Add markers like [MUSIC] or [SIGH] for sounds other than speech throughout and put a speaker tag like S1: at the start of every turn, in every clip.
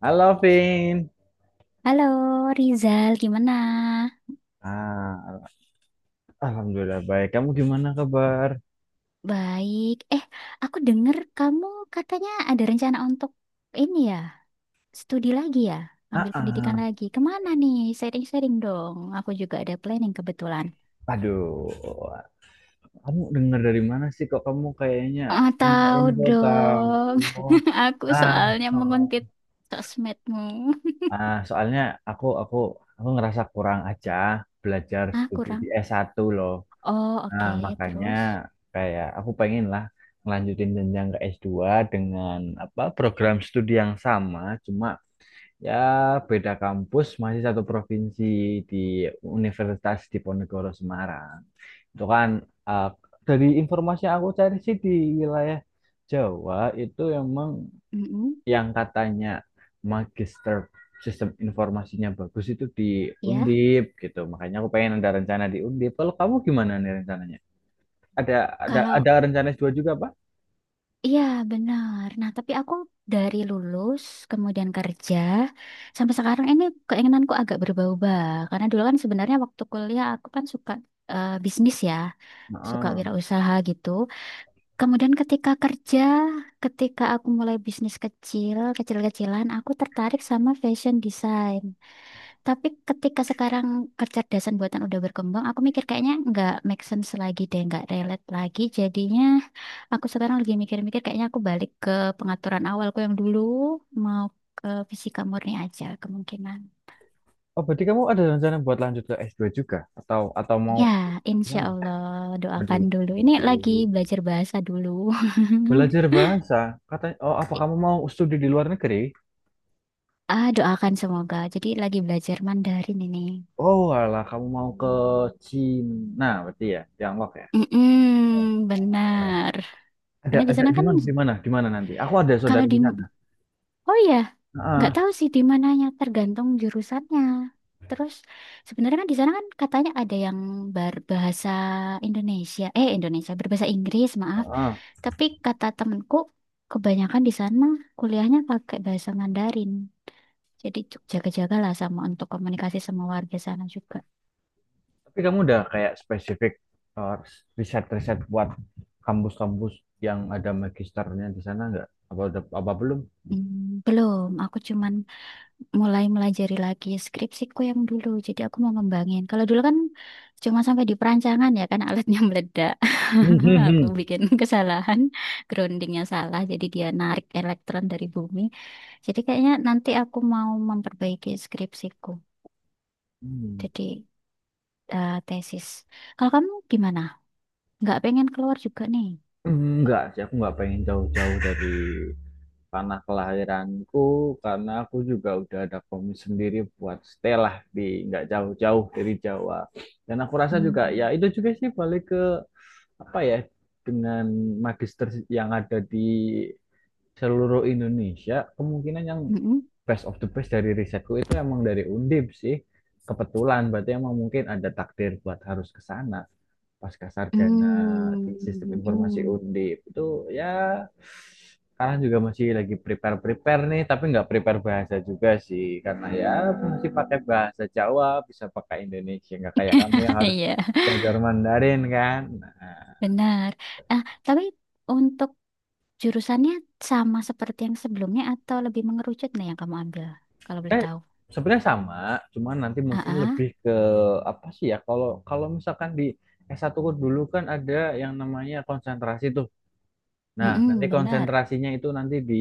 S1: Halo, Vin.
S2: Halo Rizal, gimana?
S1: Ah, alhamdulillah baik. Kamu gimana kabar?
S2: Baik. Aku dengar kamu katanya ada rencana untuk ini ya, studi lagi ya,
S1: Ah,
S2: ambil pendidikan
S1: ah.
S2: lagi. Kemana nih? Sharing-sharing dong. Aku juga ada planning kebetulan.
S1: Aduh, kamu dengar dari mana sih kok kamu kayaknya
S2: Ah,
S1: punya
S2: tahu
S1: info tahu?
S2: dong. [LAUGHS] Aku
S1: Ah,
S2: soalnya
S1: oh.
S2: menguntit sosmedmu.
S1: Soalnya aku aku aku ngerasa kurang aja belajar
S2: Ah,
S1: studi
S2: kurang.
S1: di s satu loh.
S2: Oh,
S1: Nah,
S2: oke.
S1: makanya
S2: Terus,
S1: kayak aku pengen lah ngelanjutin jenjang ke s dua dengan apa program studi yang sama, cuma ya, beda kampus, masih satu provinsi di Universitas Diponegoro Semarang. Itu kan eh, dari informasi yang aku cari sih di wilayah Jawa itu emang
S2: mm,
S1: yang katanya magister sistem informasinya bagus itu di
S2: ya.
S1: Undip gitu. Makanya aku pengen ada rencana di Undip. Kalau kamu gimana nih rencananya? Ada ada
S2: Kalau
S1: ada rencana s dua juga, Pak?
S2: iya, benar. Nah, tapi aku dari lulus, kemudian kerja, sampai sekarang ini keinginanku agak berubah-ubah. Karena dulu kan sebenarnya waktu kuliah aku kan suka bisnis ya, suka
S1: Heeh.
S2: wirausaha gitu. Kemudian ketika kerja, ketika aku mulai bisnis kecil, kecil-kecilan, aku tertarik sama fashion design. Tapi ketika sekarang kecerdasan buatan udah berkembang, aku mikir kayaknya nggak make sense lagi deh, nggak relate lagi. Jadinya aku sekarang lagi mikir-mikir kayaknya aku balik ke pengaturan awalku yang dulu, mau ke fisika murni aja kemungkinan.
S1: Oh, berarti kamu ada rencana buat lanjut ke s dua juga atau mau
S2: Ya, insya
S1: gimana?
S2: Allah doakan
S1: Aduh.
S2: dulu. Ini lagi belajar bahasa dulu.
S1: Belajar
S2: [LAUGHS]
S1: bahasa, katanya, oh apa kamu mau studi di luar negeri?
S2: Ah, doakan semoga. Jadi lagi belajar Mandarin ini.
S1: Oh alah, kamu mau ke Cina, berarti ya, Tiongkok ya.
S2: Mm-mm, benar. Karena di
S1: Ada
S2: sana
S1: di
S2: kan,
S1: mana, di mana, di mana nanti? Aku ada
S2: kalau
S1: saudara
S2: di,
S1: di sana.
S2: oh ya, nggak
S1: Heeh,
S2: tahu sih di mananya tergantung jurusannya, terus sebenarnya kan di sana kan katanya ada yang berbahasa Indonesia, eh, Indonesia berbahasa Inggris, maaf,
S1: heeh.
S2: tapi kata temenku kebanyakan di sana kuliahnya pakai bahasa Mandarin, jadi jaga-jagalah sama untuk komunikasi sama warga sana juga.
S1: Tapi kamu udah kayak spesifik eh, riset-riset buat kampus-kampus yang ada magisternya di sana nggak? Apa udah, apa belum?
S2: Hmm, belum, aku cuman mulai melajari lagi skripsiku yang dulu. Jadi aku mau ngembangin. Kalau dulu kan cuma sampai di perancangan ya kan alatnya [LAUGHS] meledak.
S1: Hmm, hmm,
S2: [LAUGHS] Aku
S1: hmm.
S2: bikin kesalahan, groundingnya salah. Jadi dia narik elektron dari bumi. Jadi kayaknya nanti aku mau memperbaiki skripsiku.
S1: Hmm.
S2: Jadi eh, tesis. Kalau kamu gimana? Nggak pengen keluar juga nih?
S1: Enggak sih, aku nggak pengen jauh-jauh dari tanah kelahiranku karena aku juga udah ada komis sendiri buat stay lah di nggak jauh-jauh dari Jawa, dan aku rasa juga ya
S2: Hmm.
S1: itu juga sih balik ke apa ya dengan magister yang ada di seluruh Indonesia kemungkinan yang
S2: Mm-mm.
S1: best of the best dari risetku itu emang dari Undip sih, kebetulan berarti emang mungkin ada takdir buat harus ke sana pasca sarjana
S2: Hmm.
S1: di sistem informasi
S2: Mm-mm.
S1: Undip itu ya. Sekarang juga masih lagi prepare prepare nih, tapi nggak prepare bahasa juga sih karena ya masih pakai bahasa Jawa, bisa pakai Indonesia, nggak kayak kamu yang
S2: [LAUGHS]
S1: harus
S2: Iya,
S1: belajar Mandarin kan. Nah,
S2: benar. Ah, tapi untuk jurusannya sama seperti yang sebelumnya atau lebih mengerucut nih yang kamu ambil? Kalau boleh
S1: Eh,
S2: tahu.
S1: sebenarnya sama, cuman nanti mungkin
S2: Ah,
S1: lebih ke apa sih ya? Kalau kalau misalkan di S1 dulu kan ada yang namanya konsentrasi tuh. Nah, nanti
S2: benar.
S1: konsentrasinya itu nanti di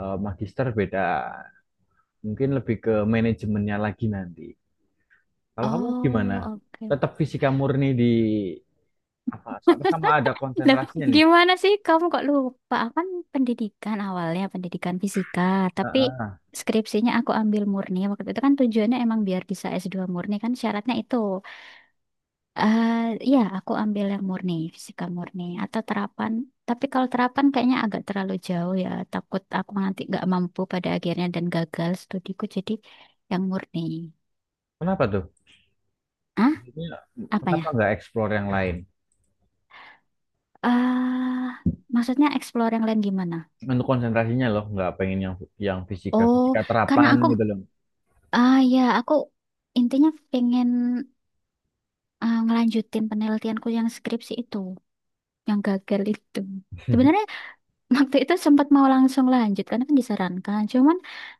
S1: magister beda. Mungkin lebih ke manajemennya lagi nanti. Kalau kamu gimana?
S2: Oh, oke.
S1: Tetap fisika murni di apa? Sama sama ada
S2: Lah,
S1: konsentrasinya nih.
S2: gimana sih kamu kok lupa? Aku kan pendidikan awalnya, pendidikan fisika. Tapi
S1: Heeh.
S2: skripsinya aku ambil murni. Waktu itu kan tujuannya emang biar bisa S2 murni kan syaratnya itu. Eh, Iya, aku ambil yang murni, fisika murni atau terapan. Tapi kalau terapan kayaknya agak terlalu jauh ya. Takut aku nanti nggak mampu pada akhirnya dan gagal studiku. Jadi yang murni.
S1: Kenapa tuh?
S2: Ah,
S1: Maksudnya, kenapa
S2: apanya?
S1: nggak explore yang lain?
S2: Ah, maksudnya explore yang lain gimana?
S1: Untuk konsentrasinya loh, nggak pengen yang fisika
S2: Oh,
S1: fisika
S2: karena
S1: terapan
S2: aku,
S1: gitu loh.
S2: ah ya, aku intinya pengen ngelanjutin penelitianku yang skripsi itu, yang gagal itu. Sebenarnya
S1: [LAUGHS]
S2: waktu itu sempat mau langsung lanjut karena kan disarankan. Cuman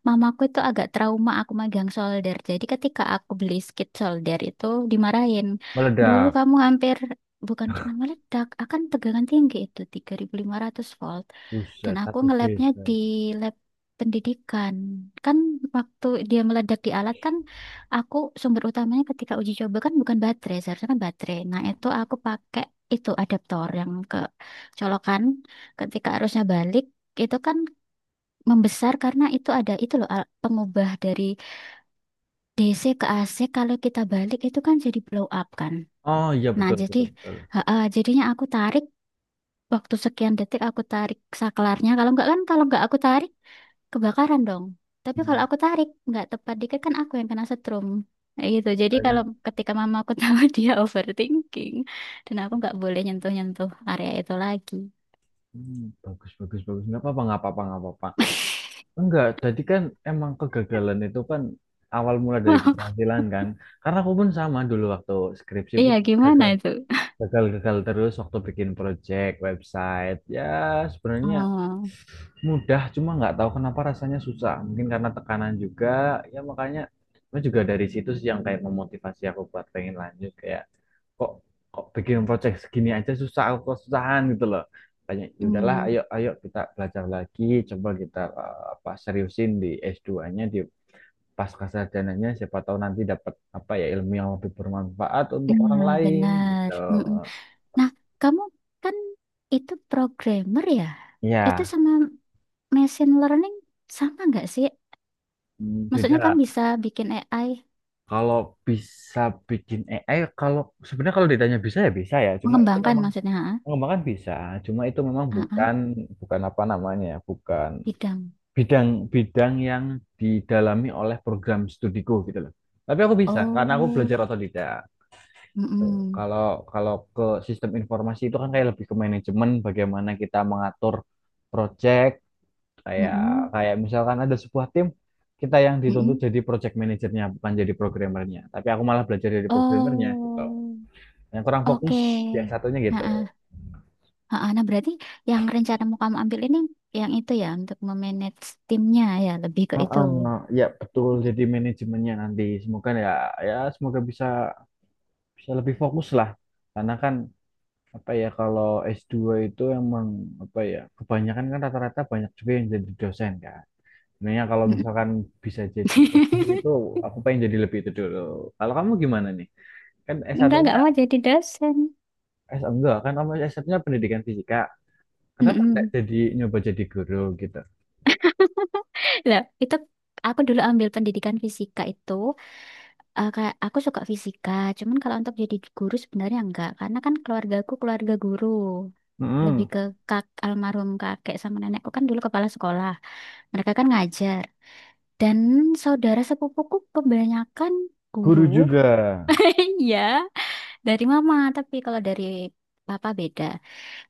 S2: mamaku itu agak trauma aku megang solder. Jadi ketika aku beli skid solder itu dimarahin. Dulu
S1: Meledak,
S2: kamu hampir bukan cuma meledak, akan tegangan tinggi itu 3.500 volt. Dan
S1: buset
S2: aku
S1: satu
S2: ngelabnya
S1: desa.
S2: di lab pendidikan. Kan waktu dia meledak di alat kan aku sumber utamanya ketika uji coba kan bukan baterai, seharusnya kan baterai. Nah, itu aku pakai itu adaptor yang ke colokan, ketika arusnya balik itu kan membesar karena itu ada itu loh pengubah dari DC ke AC, kalau kita balik itu kan jadi blow up kan.
S1: Oh iya
S2: Nah,
S1: betul
S2: jadi
S1: betul betul.
S2: jadinya aku tarik waktu sekian detik aku tarik saklarnya, kalau nggak kan, kalau nggak aku tarik kebakaran dong. Tapi kalau
S1: Hmm,
S2: aku tarik nggak tepat dikit kan aku yang kena setrum. Kayak gitu. Jadi kalau
S1: akhirnya,
S2: ketika mama aku tahu [LAUGHS] dia overthinking dan aku nggak boleh nyentuh-nyentuh area itu lagi.
S1: hmm, bagus bagus bagus, nggak apa-apa nggak apa-apa nggak apa-apa, enggak jadi kan emang kegagalan itu kan awal mula dari
S2: [LAUGHS]
S1: keberhasilan kan karena aku pun sama dulu waktu skripsi
S2: Iya,
S1: pun
S2: gimana
S1: gagal,
S2: itu?
S1: gagal-gagal terus waktu bikin project website ya. Sebenarnya
S2: Oh.
S1: mudah, cuma nggak tahu kenapa rasanya susah, mungkin karena tekanan juga ya, makanya itu juga dari situ sih yang kayak memotivasi aku buat pengen lanjut kayak kok kok bikin project segini aja susah, aku kesusahan gitu loh. Kayak ya udahlah,
S2: Hmm,
S1: ayo ayo kita belajar lagi, coba kita apa seriusin di s dua nya, di pasca sarjananya siapa tahu nanti dapat apa ya ilmu yang lebih bermanfaat untuk orang
S2: nah,
S1: lain
S2: benar.
S1: gitu.
S2: Mm-mm. Nah, kamu kan itu programmer ya? Itu
S1: Iya.
S2: sama machine learning sama nggak sih?
S1: Hmm, beda
S2: Maksudnya kan
S1: lah.
S2: bisa bikin AI,
S1: Kalau bisa bikin AI, kalau sebenarnya kalau ditanya bisa ya bisa ya. Cuma itu
S2: mengembangkan
S1: memang
S2: maksudnya, ha?
S1: pengembangan bisa. Cuma itu memang
S2: Ah,
S1: bukan
S2: ah,
S1: bukan apa namanya, ya, bukan
S2: bidang.
S1: bidang-bidang yang didalami oleh program studiku gitu loh. Tapi aku bisa karena aku
S2: Oh,
S1: belajar otodidak. Tuh.
S2: mm-mm,
S1: Kalau kalau ke sistem informasi itu kan kayak lebih ke manajemen, bagaimana kita mengatur proyek, kayak
S2: mm-mm,
S1: kayak misalkan ada sebuah tim kita yang dituntut
S2: mm-mm.
S1: jadi project manajernya bukan jadi programmernya tapi aku malah belajar jadi programmernya gitu,
S2: Oh,
S1: yang kurang
S2: oke.
S1: fokus ya satunya
S2: Ah,
S1: gitu.
S2: ah, ah, ah. Nah, berarti yang rencana mau kamu ambil ini yang itu ya, untuk memanage timnya ya, lebih ke itu.
S1: Ya betul, jadi manajemennya nanti semoga ya semoga bisa bisa lebih fokus lah karena kan apa ya kalau s dua itu emang apa ya kebanyakan kan rata-rata banyak juga yang jadi dosen kan sebenarnya kalau
S2: Mm-mm.
S1: misalkan bisa jadi lebih itu,
S2: [LAUGHS]
S1: aku pengen jadi lebih itu dulu. Kalau kamu gimana nih, kan S1
S2: Enggak mau jadi dosen.
S1: Enggak kan kamu S-nya pendidikan fisika. Kenapa enggak
S2: Mm-mm.
S1: jadi nyoba jadi guru gitu?
S2: [LAUGHS] Lah, itu aku dulu ambil pendidikan fisika itu, eh, kayak aku suka fisika. Cuman kalau untuk jadi guru sebenarnya enggak, karena kan keluargaku keluarga guru. Lebih
S1: Mm-mm.
S2: ke kak almarhum kakek sama nenekku kan dulu kepala sekolah. Mereka kan ngajar. Dan saudara sepupuku kebanyakan guru.
S1: Guru juga.
S2: [LAUGHS] Iya. Dari mama, tapi kalau dari papa beda.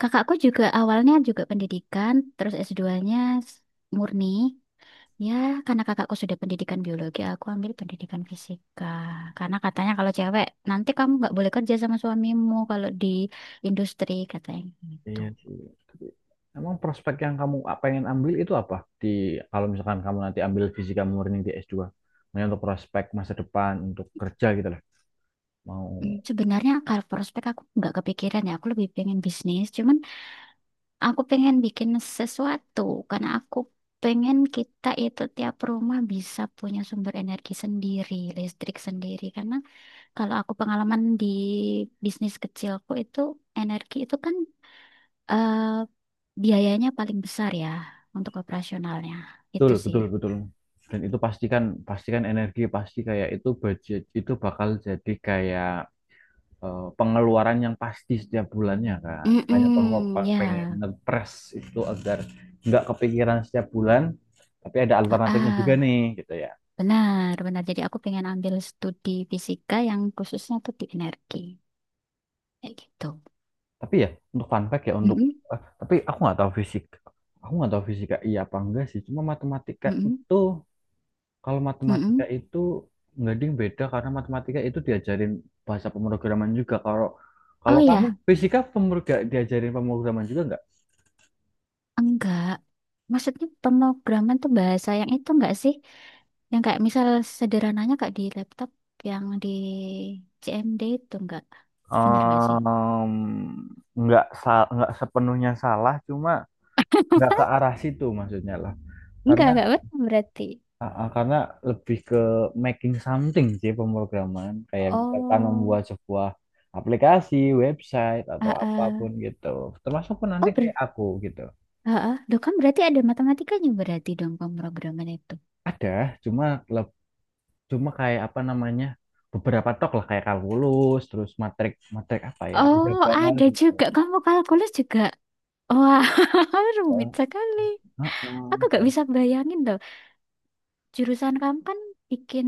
S2: Kakakku juga awalnya juga pendidikan, terus S2 s- murni. Ya, karena kakakku sudah pendidikan biologi, aku ambil pendidikan fisika. Karena katanya kalau cewek, nanti kamu nggak boleh kerja sama suamimu kalau di industri, katanya gitu.
S1: Iya sih. Tapi emang prospek yang kamu pengen ambil itu apa? Di kalau misalkan kamu nanti ambil fisika murni di S2, maksudnya untuk prospek masa depan, untuk kerja gitu lah.
S2: Hmm,
S1: Mau
S2: sebenarnya kalau prospek aku nggak kepikiran ya, aku lebih pengen bisnis. Cuman aku pengen bikin sesuatu karena aku pengen kita itu tiap rumah bisa punya sumber energi sendiri, listrik sendiri. Karena kalau aku pengalaman di bisnis kecilku itu, energi itu kan, eh, biayanya paling besar ya untuk operasionalnya.
S1: betul
S2: Itu sih.
S1: betul betul. Dan itu pastikan pastikan energi pasti kayak itu budget itu bakal jadi kayak pengeluaran yang pasti setiap bulannya kan. Makanya
S2: Mm, ya,
S1: pengen ngepres itu agar nggak kepikiran setiap bulan, tapi ada
S2: ah,
S1: alternatifnya juga
S2: ah,
S1: nih gitu ya.
S2: benar, benar. Jadi aku pengen ambil studi fisika yang khususnya tuh di energi, kayak gitu.
S1: Tapi ya untuk fun fact ya untuk
S2: Mm-mm,
S1: tapi aku nggak tahu fisik. Aku nggak tahu fisika iya apa enggak sih. Cuma matematika
S2: mm-mm,
S1: itu, kalau matematika
S2: mm-mm.
S1: itu nggak ding beda karena matematika itu diajarin bahasa pemrograman juga. Kalau
S2: Oh
S1: kalau kamu
S2: ya,
S1: fisika diajarin pemrograman juga nggak?
S2: enggak. Maksudnya pemrograman tuh bahasa yang itu enggak sih? Yang kayak misal sederhananya kayak di laptop yang di CMD itu, enggak. Bener enggak sih?
S1: Em, nggak nggak sepenuhnya salah, cuma nggak ke arah situ maksudnya lah karena
S2: Enggak benar berarti.
S1: karena lebih ke making something sih pemrograman kayak misalkan
S2: Oh,
S1: membuat sebuah aplikasi website atau
S2: ah,
S1: apapun
S2: ah.
S1: gitu termasuk pun nanti
S2: Oh,
S1: kayak aku gitu.
S2: ah, ah. Loh, kan berarti ada matematikanya berarti dong pemrograman itu.
S1: Ada, cuma leb- cuma kayak apa namanya beberapa tok lah kayak kalkulus terus matrik matrik apa ya
S2: Oh,
S1: aljabar
S2: ada
S1: gitu.
S2: juga. Kamu kalkulus juga. Wah, [LAUGHS] rumit sekali. Aku gak
S1: Heeh,
S2: bisa bayangin jurusan kamu kan bikin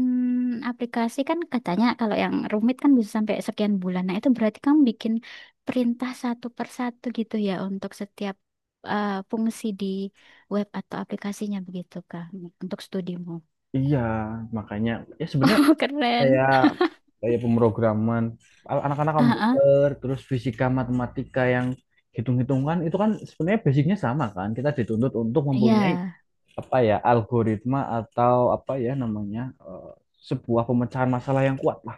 S2: aplikasi kan katanya kalau yang rumit kan bisa sampai sekian bulan. Nah, itu berarti kamu bikin perintah satu per satu gitu ya untuk setiap, eh, fungsi di web atau aplikasinya, begitu Kak, untuk studimu.
S1: iya makanya ya sebenarnya
S2: [LAUGHS] Keren.
S1: kayak kayak pemrograman anak-anak
S2: Heeh.
S1: komputer terus fisika matematika yang hitung-hitungan itu kan sebenarnya basicnya sama kan, kita dituntut untuk
S2: Iya,
S1: mempunyai apa ya algoritma atau apa ya namanya eh, sebuah pemecahan masalah yang kuat lah.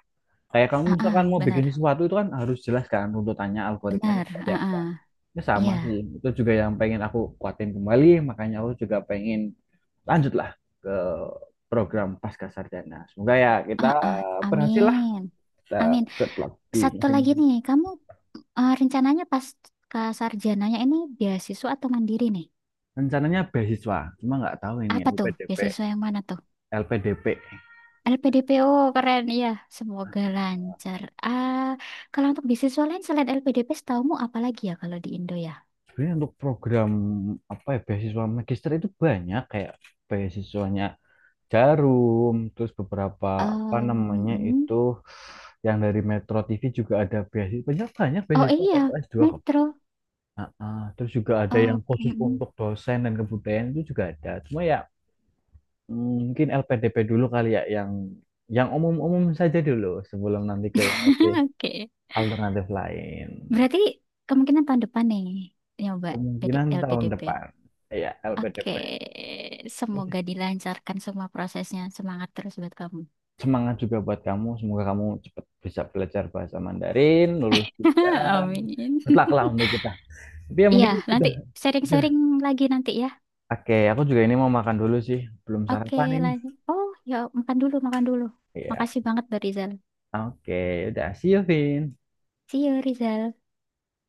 S1: Kayak kamu misalkan
S2: ah,
S1: mau bikin
S2: benar.
S1: sesuatu itu kan harus jelas kan runtutannya algoritmanya
S2: Benar,
S1: seperti apa,
S2: heeh.
S1: ya sama sih
S2: Iya,
S1: itu juga yang pengen aku kuatin kembali makanya aku juga pengen lanjutlah ke program pasca sarjana, semoga ya kita
S2: ah,
S1: berhasil lah,
S2: amin.
S1: kita
S2: Amin.
S1: ikut lagi
S2: Satu lagi
S1: masing-masing.
S2: nih, kamu, eh, rencananya pas ke sarjananya ini beasiswa atau mandiri nih?
S1: Rencananya beasiswa, cuma nggak tahu ini
S2: Apa tuh?
S1: LPDP
S2: Beasiswa yang mana tuh?
S1: LPDP
S2: LPDPO, keren ya. Semoga lancar. Ah, kalau untuk beasiswa lain selain LPDP, setaumu apa lagi ya kalau di Indo ya?
S1: Sebenarnya untuk program apa ya beasiswa magister itu banyak kayak beasiswanya Jarum, terus beberapa
S2: Eh,
S1: apa namanya
S2: mm-mm.
S1: itu yang dari Metro TV juga ada beasiswa, banyak banyak
S2: Oh
S1: beasiswa kayak
S2: iya,
S1: untuk S2 kok.
S2: Metro.
S1: Ah. Terus juga ada yang
S2: Oh,
S1: khusus
S2: mm-mm.
S1: untuk dosen dan kebudayaan itu juga ada cuma ya mungkin LPDP dulu kali ya yang umum-umum saja dulu sebelum nanti ke yang lebih
S2: [LAUGHS] Oke.
S1: alternatif lain.
S2: Berarti kemungkinan tahun depan nih nyoba PD
S1: Kemungkinan tahun
S2: LPDP.
S1: depan. Ya,
S2: Oke,
S1: LPDP.
S2: semoga dilancarkan semua prosesnya. Semangat terus buat kamu.
S1: Semangat juga buat kamu. Semoga kamu cepat bisa belajar bahasa Mandarin, lulus
S2: [LAUGHS]
S1: juga.
S2: Amin.
S1: Good luck lah
S2: [LAUGHS]
S1: untuk kita. Tapi ya
S2: Iya,
S1: mungkin
S2: nanti
S1: udah, udah.
S2: sharing-sharing lagi nanti ya.
S1: Oke, aku juga ini mau makan dulu sih. Belum
S2: Oke,
S1: sarapan ini.
S2: lanjut. Oh, ya, makan dulu, makan dulu.
S1: Ya.
S2: Makasih banget, Rizal.
S1: Oke, udah. See you, Vin.
S2: See you, Rizal.